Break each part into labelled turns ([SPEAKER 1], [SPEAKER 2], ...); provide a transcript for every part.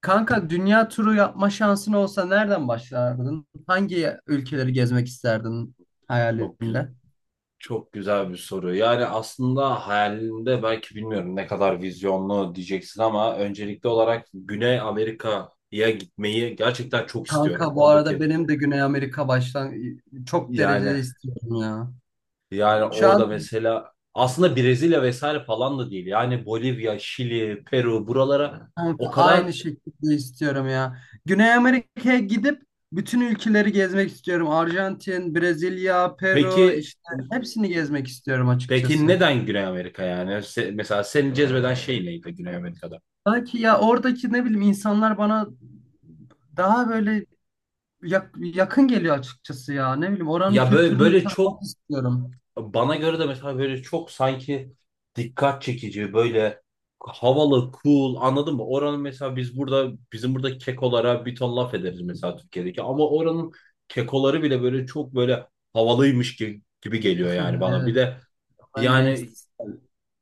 [SPEAKER 1] Kanka dünya turu yapma şansın olsa nereden başlardın? Hangi ülkeleri gezmek isterdin
[SPEAKER 2] Çok, gü-
[SPEAKER 1] hayalinde?
[SPEAKER 2] çok güzel bir soru. Yani aslında hayalinde belki bilmiyorum ne kadar vizyonlu diyeceksin ama öncelikli olarak Güney Amerika'ya gitmeyi gerçekten çok istiyorum.
[SPEAKER 1] Kanka bu arada
[SPEAKER 2] Oradaki
[SPEAKER 1] benim de Güney Amerika baştan çok
[SPEAKER 2] yani
[SPEAKER 1] derecede istiyorum ya.
[SPEAKER 2] yani
[SPEAKER 1] Şu an
[SPEAKER 2] orada mesela aslında Brezilya vesaire falan da değil. Yani Bolivya, Şili, Peru buralara o
[SPEAKER 1] kanka aynı
[SPEAKER 2] kadar
[SPEAKER 1] şekilde istiyorum ya. Güney Amerika'ya gidip bütün ülkeleri gezmek istiyorum. Arjantin, Brezilya, Peru
[SPEAKER 2] peki
[SPEAKER 1] işte hepsini gezmek istiyorum
[SPEAKER 2] peki
[SPEAKER 1] açıkçası.
[SPEAKER 2] neden Güney Amerika yani? Mesela seni cezbeden şey neydi Güney Amerika'da?
[SPEAKER 1] Belki ya oradaki ne bileyim insanlar bana daha böyle yakın geliyor açıkçası ya. Ne bileyim oranın
[SPEAKER 2] Ya böyle
[SPEAKER 1] kültürünü
[SPEAKER 2] böyle çok,
[SPEAKER 1] tanımak istiyorum.
[SPEAKER 2] bana göre de mesela böyle çok sanki dikkat çekici, böyle havalı, cool anladın mı? Oranın mesela bizim burada kekolara bir ton laf ederiz mesela Türkiye'deki ama oranın kekoları bile böyle çok böyle havalıymış gibi geliyor yani bana.
[SPEAKER 1] Evet.
[SPEAKER 2] Bir de
[SPEAKER 1] Oranın
[SPEAKER 2] yani
[SPEAKER 1] gangsters.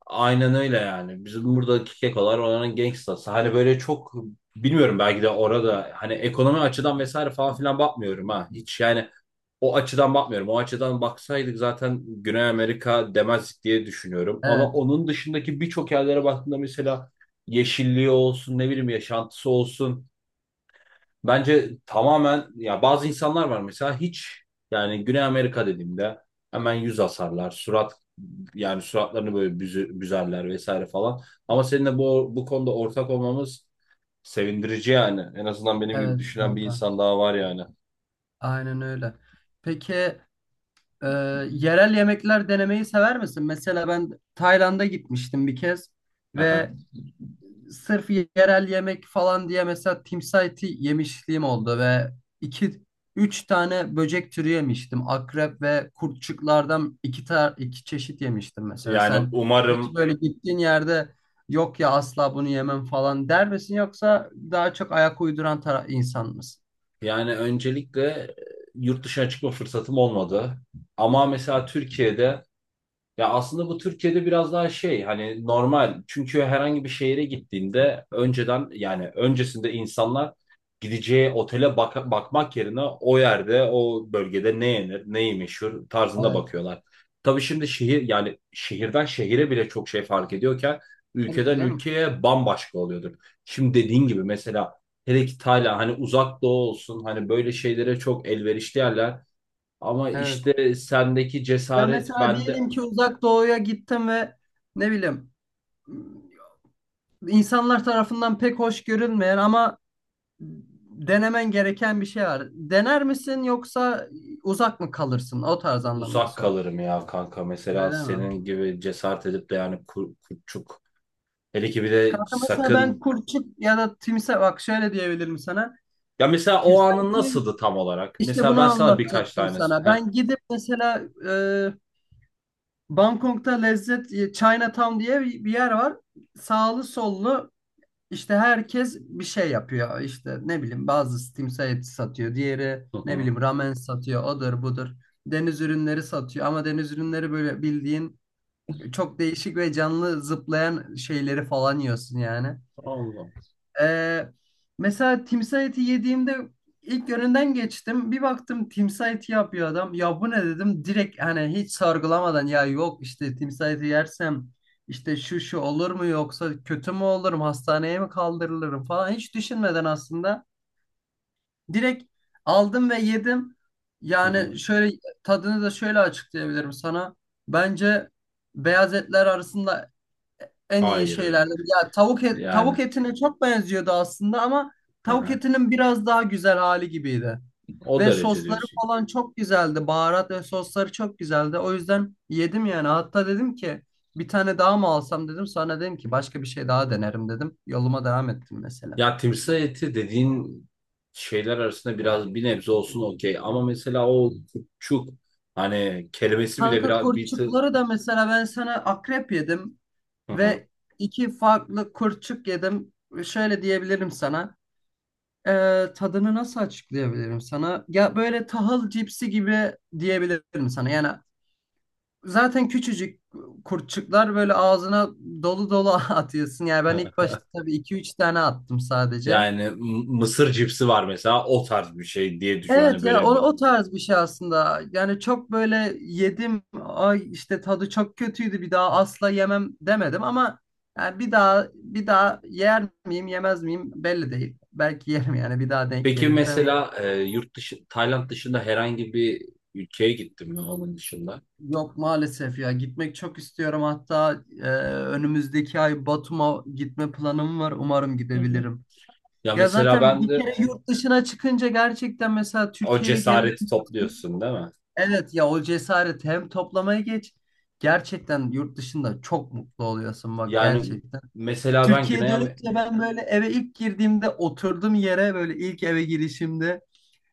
[SPEAKER 2] aynen öyle yani. Bizim buradaki kekolar oranın gangstası. Hani böyle çok bilmiyorum, belki de orada hani ekonomi açıdan vesaire falan filan bakmıyorum ha. Hiç yani o açıdan bakmıyorum. O açıdan baksaydık zaten Güney Amerika demezdik diye düşünüyorum. Ama
[SPEAKER 1] Evet.
[SPEAKER 2] onun dışındaki birçok yerlere baktığında mesela yeşilliği olsun, ne bileyim yaşantısı olsun. Bence tamamen, ya bazı insanlar var mesela hiç yani Güney Amerika dediğimde hemen yüz asarlar, surat yani suratlarını böyle büzerler vesaire falan. Ama seninle bu konuda ortak olmamız sevindirici yani. En azından benim gibi
[SPEAKER 1] Evet
[SPEAKER 2] düşünen bir
[SPEAKER 1] kanka.
[SPEAKER 2] insan daha var yani.
[SPEAKER 1] Aynen öyle. Peki e, yerel yemekler denemeyi sever misin? Mesela ben Tayland'a gitmiştim bir kez
[SPEAKER 2] Aha.
[SPEAKER 1] ve sırf yerel yemek falan diye mesela timsah eti yemişliğim oldu ve iki üç tane böcek türü yemiştim. Akrep ve kurtçuklardan iki çeşit yemiştim mesela.
[SPEAKER 2] Yani
[SPEAKER 1] Sen hiç
[SPEAKER 2] umarım.
[SPEAKER 1] böyle gittiğin yerde yok ya asla bunu yemem falan der misin yoksa daha çok ayak uyduran insan mısın?
[SPEAKER 2] Yani öncelikle yurt dışına çıkma fırsatım olmadı. Ama mesela Türkiye'de ya aslında bu Türkiye'de biraz daha şey hani normal. Çünkü herhangi bir şehire gittiğinde önceden yani öncesinde insanlar gideceği otele bakmak yerine o yerde o bölgede ne yenir, neyi meşhur tarzında
[SPEAKER 1] Evet.
[SPEAKER 2] bakıyorlar. Tabii şimdi şehir yani şehirden şehire bile çok şey fark ediyorken
[SPEAKER 1] Tabii ki
[SPEAKER 2] ülkeden
[SPEAKER 1] canım.
[SPEAKER 2] ülkeye bambaşka oluyordur. Şimdi dediğin gibi mesela hele ki Tayland, hani uzak doğu olsun, hani böyle şeylere çok elverişli yerler. Ama
[SPEAKER 1] Evet.
[SPEAKER 2] işte sendeki
[SPEAKER 1] Ya
[SPEAKER 2] cesaret
[SPEAKER 1] mesela
[SPEAKER 2] bende
[SPEAKER 1] diyelim ki uzak doğuya gittim ve ne bileyim insanlar tarafından pek hoş görülmeyen ama denemen gereken bir şey var. Dener misin yoksa uzak mı kalırsın? O tarz anlamında
[SPEAKER 2] uzak
[SPEAKER 1] sordum.
[SPEAKER 2] kalırım ya kanka. Mesela
[SPEAKER 1] Öyle mi?
[SPEAKER 2] senin gibi cesaret edip de yani kurtçuk. Hele ki bir de
[SPEAKER 1] Kanka mesela ben
[SPEAKER 2] sakın.
[SPEAKER 1] kurçuk ya da timsah bak şöyle diyebilirim sana.
[SPEAKER 2] Ya mesela o
[SPEAKER 1] Timsah
[SPEAKER 2] anın
[SPEAKER 1] eti-
[SPEAKER 2] nasıldı tam olarak?
[SPEAKER 1] işte
[SPEAKER 2] Mesela
[SPEAKER 1] bunu
[SPEAKER 2] ben sana birkaç
[SPEAKER 1] anlatacaktım
[SPEAKER 2] tane.
[SPEAKER 1] sana.
[SPEAKER 2] Heh.
[SPEAKER 1] Ben gidip mesela e, Bangkok'ta lezzet Chinatown diye bir yer var. Sağlı sollu İşte herkes bir şey yapıyor. İşte ne bileyim bazı timsah eti satıyor. Diğeri
[SPEAKER 2] Hı
[SPEAKER 1] ne
[SPEAKER 2] hı.
[SPEAKER 1] bileyim ramen satıyor. Odur budur. Deniz ürünleri satıyor. Ama deniz ürünleri böyle bildiğin çok değişik ve canlı zıplayan şeyleri falan yiyorsun yani.
[SPEAKER 2] Allah.
[SPEAKER 1] Ee, mesela timsah eti yediğimde ilk yönünden geçtim. Bir baktım timsah eti yapıyor adam. Ya bu ne dedim. Direkt hani hiç sorgulamadan ya yok işte timsah eti yersem işte şu şu olur mu yoksa kötü mü olurum hastaneye mi kaldırılırım falan hiç düşünmeden aslında direkt aldım ve yedim.
[SPEAKER 2] Hı hı.
[SPEAKER 1] Yani şöyle tadını da şöyle açıklayabilirim sana. Bence beyaz etler arasında en iyi
[SPEAKER 2] Hayır.
[SPEAKER 1] şeylerden. Ya tavuk
[SPEAKER 2] Yani.
[SPEAKER 1] etine çok benziyordu aslında ama
[SPEAKER 2] Hı
[SPEAKER 1] tavuk
[SPEAKER 2] hı.
[SPEAKER 1] etinin biraz daha güzel hali gibiydi.
[SPEAKER 2] O
[SPEAKER 1] Ve
[SPEAKER 2] derece
[SPEAKER 1] sosları
[SPEAKER 2] diyorsun.
[SPEAKER 1] falan çok güzeldi. Baharat ve sosları çok güzeldi. O yüzden yedim yani. Hatta dedim ki bir tane daha mı alsam dedim. Sonra dedim ki başka bir şey daha denerim dedim. Yoluma devam ettim mesela.
[SPEAKER 2] Ya timsah eti dediğin şeyler arasında biraz bir nebze olsun okey. Ama mesela o kurtçuk hani kelimesi bile
[SPEAKER 1] Kanka
[SPEAKER 2] biraz bir tık.
[SPEAKER 1] kurtçukları da mesela ben sana akrep yedim
[SPEAKER 2] Hı hı.
[SPEAKER 1] ve iki farklı kurtçuk yedim. Şöyle diyebilirim sana. Tadını nasıl açıklayabilirim sana? Ya böyle tahıl cipsi gibi diyebilirim sana. Yani zaten küçücük kurtçuklar böyle ağzına dolu dolu atıyorsun. Yani ben ilk başta tabii iki üç tane attım sadece.
[SPEAKER 2] Yani mısır cipsi var mesela, o tarz bir şey diye düşün hani
[SPEAKER 1] Evet ya o,
[SPEAKER 2] böyle bir.
[SPEAKER 1] o tarz bir şey aslında. Yani çok böyle yedim, ay işte tadı çok kötüydü bir daha asla yemem demedim ama yani bir daha bir daha yer miyim yemez miyim belli değil. Belki yerim yani bir daha denk
[SPEAKER 2] Peki
[SPEAKER 1] gelirsem.
[SPEAKER 2] mesela yurt dışı Tayland dışında herhangi bir ülkeye gittin mi onun dışında?
[SPEAKER 1] Yok maalesef ya gitmek çok istiyorum hatta önümüzdeki ay Batum'a gitme planım var umarım
[SPEAKER 2] Hı hı.
[SPEAKER 1] gidebilirim.
[SPEAKER 2] Ya
[SPEAKER 1] Ya
[SPEAKER 2] mesela
[SPEAKER 1] zaten
[SPEAKER 2] ben
[SPEAKER 1] bir
[SPEAKER 2] de
[SPEAKER 1] kere yurt dışına çıkınca gerçekten mesela
[SPEAKER 2] o
[SPEAKER 1] Türkiye'ye geri
[SPEAKER 2] cesareti
[SPEAKER 1] dönüyorsun.
[SPEAKER 2] topluyorsun değil mi?
[SPEAKER 1] Evet ya o cesaret hem toplamaya geç gerçekten yurt dışında çok mutlu oluyorsun bak
[SPEAKER 2] Yani
[SPEAKER 1] gerçekten.
[SPEAKER 2] mesela ben
[SPEAKER 1] Türkiye'ye
[SPEAKER 2] Güney Amerika
[SPEAKER 1] dönünce ben böyle eve ilk girdiğimde oturduğum yere böyle ilk eve girişimde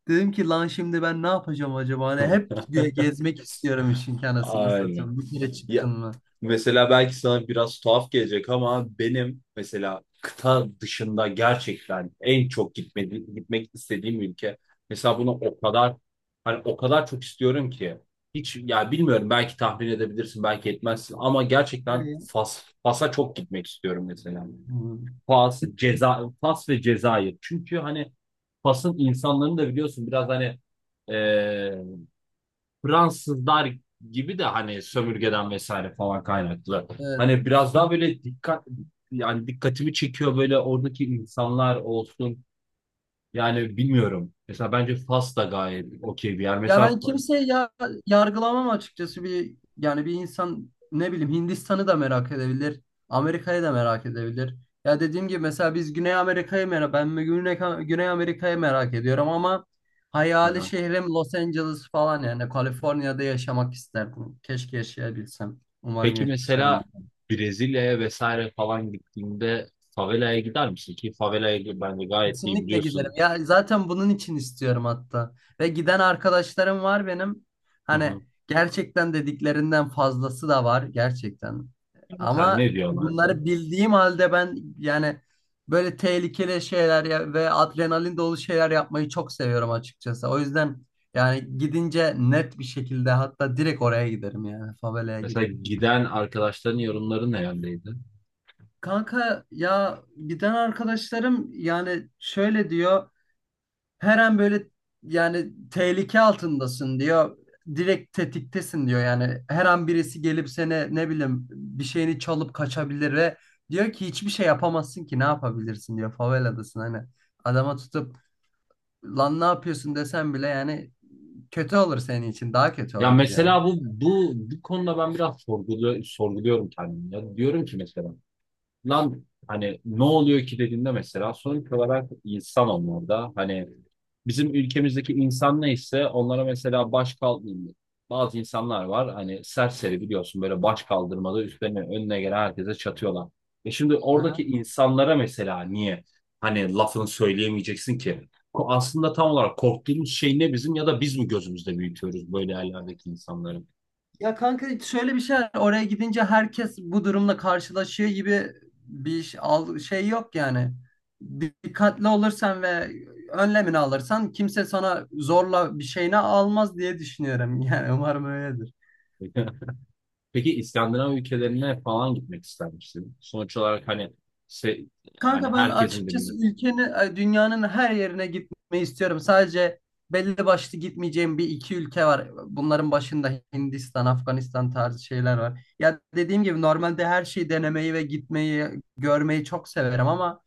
[SPEAKER 1] dedim ki lan şimdi ben ne yapacağım acaba? Hani hep gezmek istiyorum işin kanasını
[SPEAKER 2] aynen.
[SPEAKER 1] satayım. Bir kere çıktın mı?
[SPEAKER 2] Mesela belki sana biraz tuhaf gelecek ama benim mesela kıta dışında gerçekten en çok gitmek istediğim ülke. Mesela bunu o kadar, hani o kadar çok istiyorum ki hiç ya bilmiyorum, belki tahmin edebilirsin belki etmezsin ama gerçekten
[SPEAKER 1] Nereye?
[SPEAKER 2] Fas'a çok gitmek istiyorum mesela.
[SPEAKER 1] Hmm.
[SPEAKER 2] Fas, Fas ve Cezayir. Çünkü hani Fas'ın insanlarını da biliyorsun biraz hani Fransızlar gibi de hani sömürgeden vesaire falan kaynaklı.
[SPEAKER 1] Evet.
[SPEAKER 2] Hani biraz daha böyle dikkat yani dikkatimi çekiyor böyle oradaki insanlar olsun. Yani bilmiyorum. Mesela bence Fas da gayet okey bir yer.
[SPEAKER 1] Ya
[SPEAKER 2] Mesela
[SPEAKER 1] ben kimseyi ya yargılamam açıkçası bir yani bir insan ne bileyim Hindistan'ı da merak edebilir. Amerika'yı da merak edebilir. Ya dediğim gibi mesela biz Güney Amerika'yı merak ben de Güney Amerika'yı merak ediyorum ama hayali şehrim Los Angeles falan yani Kaliforniya'da yaşamak isterdim. Keşke yaşayabilsem. Umarım
[SPEAKER 2] peki
[SPEAKER 1] yaşarım.
[SPEAKER 2] mesela Brezilya'ya vesaire falan gittiğinde favelaya gider misin ki favelaya bence gayet iyi
[SPEAKER 1] Kesinlikle giderim.
[SPEAKER 2] biliyorsun.
[SPEAKER 1] Ya zaten bunun için istiyorum hatta. Ve giden arkadaşlarım var benim.
[SPEAKER 2] Hı hı.
[SPEAKER 1] Hani gerçekten dediklerinden fazlası da var gerçekten.
[SPEAKER 2] Ya mesela
[SPEAKER 1] Ama
[SPEAKER 2] ne diyorlardı?
[SPEAKER 1] bunları bildiğim halde ben yani böyle tehlikeli şeyler ve adrenalin dolu şeyler yapmayı çok seviyorum açıkçası. O yüzden yani gidince net bir şekilde hatta direkt oraya giderim yani favelaya
[SPEAKER 2] Mesela
[SPEAKER 1] giderim.
[SPEAKER 2] giden arkadaşların yorumları ne yöndeydi?
[SPEAKER 1] Kanka ya giden arkadaşlarım yani şöyle diyor. Her an böyle yani tehlike altındasın diyor. Direkt tetiktesin diyor yani. Her an birisi gelip seni ne bileyim bir şeyini çalıp kaçabilir ve diyor ki hiçbir şey yapamazsın ki ne yapabilirsin diyor. Faveladasın hani. Adama tutup lan ne yapıyorsun desen bile yani kötü olur senin için daha kötü
[SPEAKER 2] Ya
[SPEAKER 1] olur diyor.
[SPEAKER 2] mesela bu konuda ben biraz sorguluyorum kendimi. Ya diyorum ki mesela lan hani ne oluyor ki dediğinde mesela sonuç olarak insan onlarda hani bizim ülkemizdeki insan neyse onlara mesela baş kaldırmıyor. Bazı insanlar var hani serseri biliyorsun böyle baş kaldırmada üstlerine önüne gelen herkese çatıyorlar. E şimdi oradaki insanlara mesela niye hani lafını söyleyemeyeceksin ki? Aslında tam olarak korktuğumuz şey ne bizim, ya da biz mi gözümüzde büyütüyoruz böyle yerlerdeki insanları?
[SPEAKER 1] Ya kanka şöyle bir şey var. Oraya gidince herkes bu durumla karşılaşıyor gibi bir şey. Şey yok yani. Dikkatli olursan ve önlemini alırsan kimse sana zorla bir şeyini almaz diye düşünüyorum. Yani umarım öyledir.
[SPEAKER 2] Peki İskandinav ülkelerine falan gitmek ister misin? Sonuç olarak hani se- yani
[SPEAKER 1] Kanka ben
[SPEAKER 2] herkesin bilimi.
[SPEAKER 1] açıkçası dünyanın her yerine gitmeyi istiyorum. Sadece belli başlı gitmeyeceğim bir iki ülke var. Bunların başında Hindistan, Afganistan tarzı şeyler var. Ya dediğim gibi normalde her şeyi denemeyi ve gitmeyi, görmeyi çok severim ama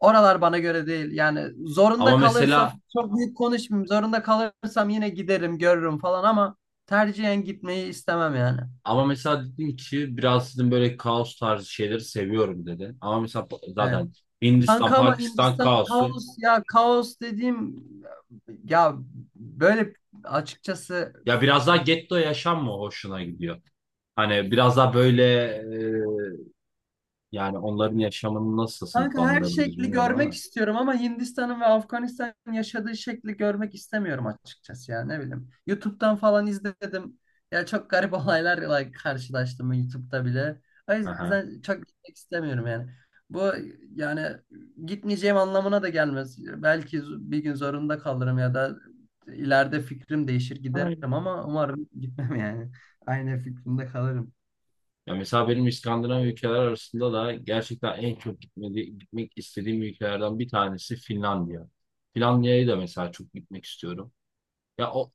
[SPEAKER 1] oralar bana göre değil. Yani zorunda
[SPEAKER 2] Ama
[SPEAKER 1] kalırsam
[SPEAKER 2] mesela
[SPEAKER 1] çok büyük konuşmayayım. Zorunda kalırsam yine giderim, görürüm falan ama tercihen gitmeyi istemem yani.
[SPEAKER 2] ama mesela dedin ki biraz sizin böyle kaos tarzı şeyleri seviyorum dedi. Ama mesela
[SPEAKER 1] Evet.
[SPEAKER 2] zaten Hindistan,
[SPEAKER 1] Kanka ama
[SPEAKER 2] Pakistan
[SPEAKER 1] Hindistan
[SPEAKER 2] kaosu.
[SPEAKER 1] kaos ya kaos dediğim ya böyle açıkçası.
[SPEAKER 2] Ya biraz daha getto yaşam mı hoşuna gidiyor? Hani biraz daha böyle e, yani onların yaşamını nasıl
[SPEAKER 1] Kanka her
[SPEAKER 2] sınıflandırabiliriz
[SPEAKER 1] şekli
[SPEAKER 2] bilmiyorum
[SPEAKER 1] görmek
[SPEAKER 2] ama.
[SPEAKER 1] istiyorum ama Hindistan'ın ve Afganistan'ın yaşadığı şekli görmek istemiyorum açıkçası ya ne bileyim. YouTube'dan falan izledim. Ya çok garip olaylarla karşılaştım YouTube'da bile. O
[SPEAKER 2] Aha,
[SPEAKER 1] yüzden çok gitmek istemiyorum yani. Bu yani gitmeyeceğim anlamına da gelmez. Belki bir gün zorunda kalırım ya da ileride fikrim değişir giderim
[SPEAKER 2] aynen.
[SPEAKER 1] ama umarım gitmem yani. Aynı fikrimde kalırım.
[SPEAKER 2] Ya mesela benim İskandinav ülkeler arasında da gerçekten en çok gitmek istediğim ülkelerden bir tanesi Finlandiya. Finlandiya'ya da mesela çok gitmek istiyorum. Ya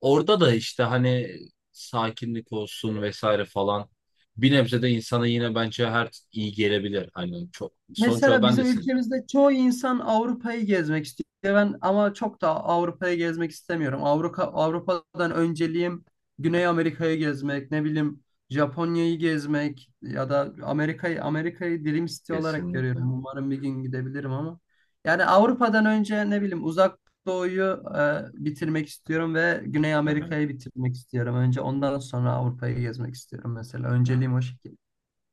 [SPEAKER 2] orada da işte hani sakinlik olsun vesaire falan bir nebze de insana yine bence her iyi gelebilir. Hani çok sonuç olarak
[SPEAKER 1] Mesela
[SPEAKER 2] ben de
[SPEAKER 1] bizim
[SPEAKER 2] sen
[SPEAKER 1] ülkemizde çoğu insan Avrupa'yı gezmek istiyor. Ben ama çok da Avrupa'yı gezmek istemiyorum. Avrupa'dan önceliğim Güney Amerika'yı gezmek, ne bileyim Japonya'yı gezmek ya da Amerika'yı dilim istiyor olarak
[SPEAKER 2] kesinlikle.
[SPEAKER 1] görüyorum. Umarım bir gün gidebilirim ama. Yani Avrupa'dan önce ne bileyim Uzak Doğu'yu bitirmek istiyorum ve Güney
[SPEAKER 2] Hı hı.
[SPEAKER 1] Amerika'yı bitirmek istiyorum. Önce ondan sonra Avrupa'yı gezmek istiyorum mesela.
[SPEAKER 2] Yani
[SPEAKER 1] Önceliğim o şekilde.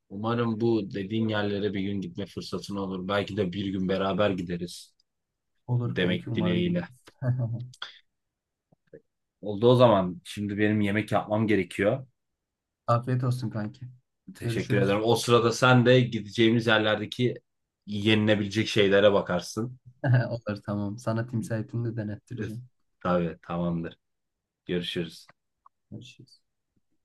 [SPEAKER 2] umarım bu dediğin yerlere bir gün gitme fırsatın olur. Belki de bir gün beraber gideriz
[SPEAKER 1] Olur kanki
[SPEAKER 2] demek
[SPEAKER 1] umarım gideriz.
[SPEAKER 2] dileğiyle. Oldu o zaman. Şimdi benim yemek yapmam gerekiyor.
[SPEAKER 1] Afiyet olsun kanki.
[SPEAKER 2] Teşekkür ederim.
[SPEAKER 1] Görüşürüz.
[SPEAKER 2] O sırada sen de gideceğimiz yerlerdeki yenilebilecek şeylere bakarsın.
[SPEAKER 1] Olur tamam. Sana timsah etini de
[SPEAKER 2] Üf,
[SPEAKER 1] denettireceğim.
[SPEAKER 2] tabii tamamdır. Görüşürüz.
[SPEAKER 1] Görüşürüz.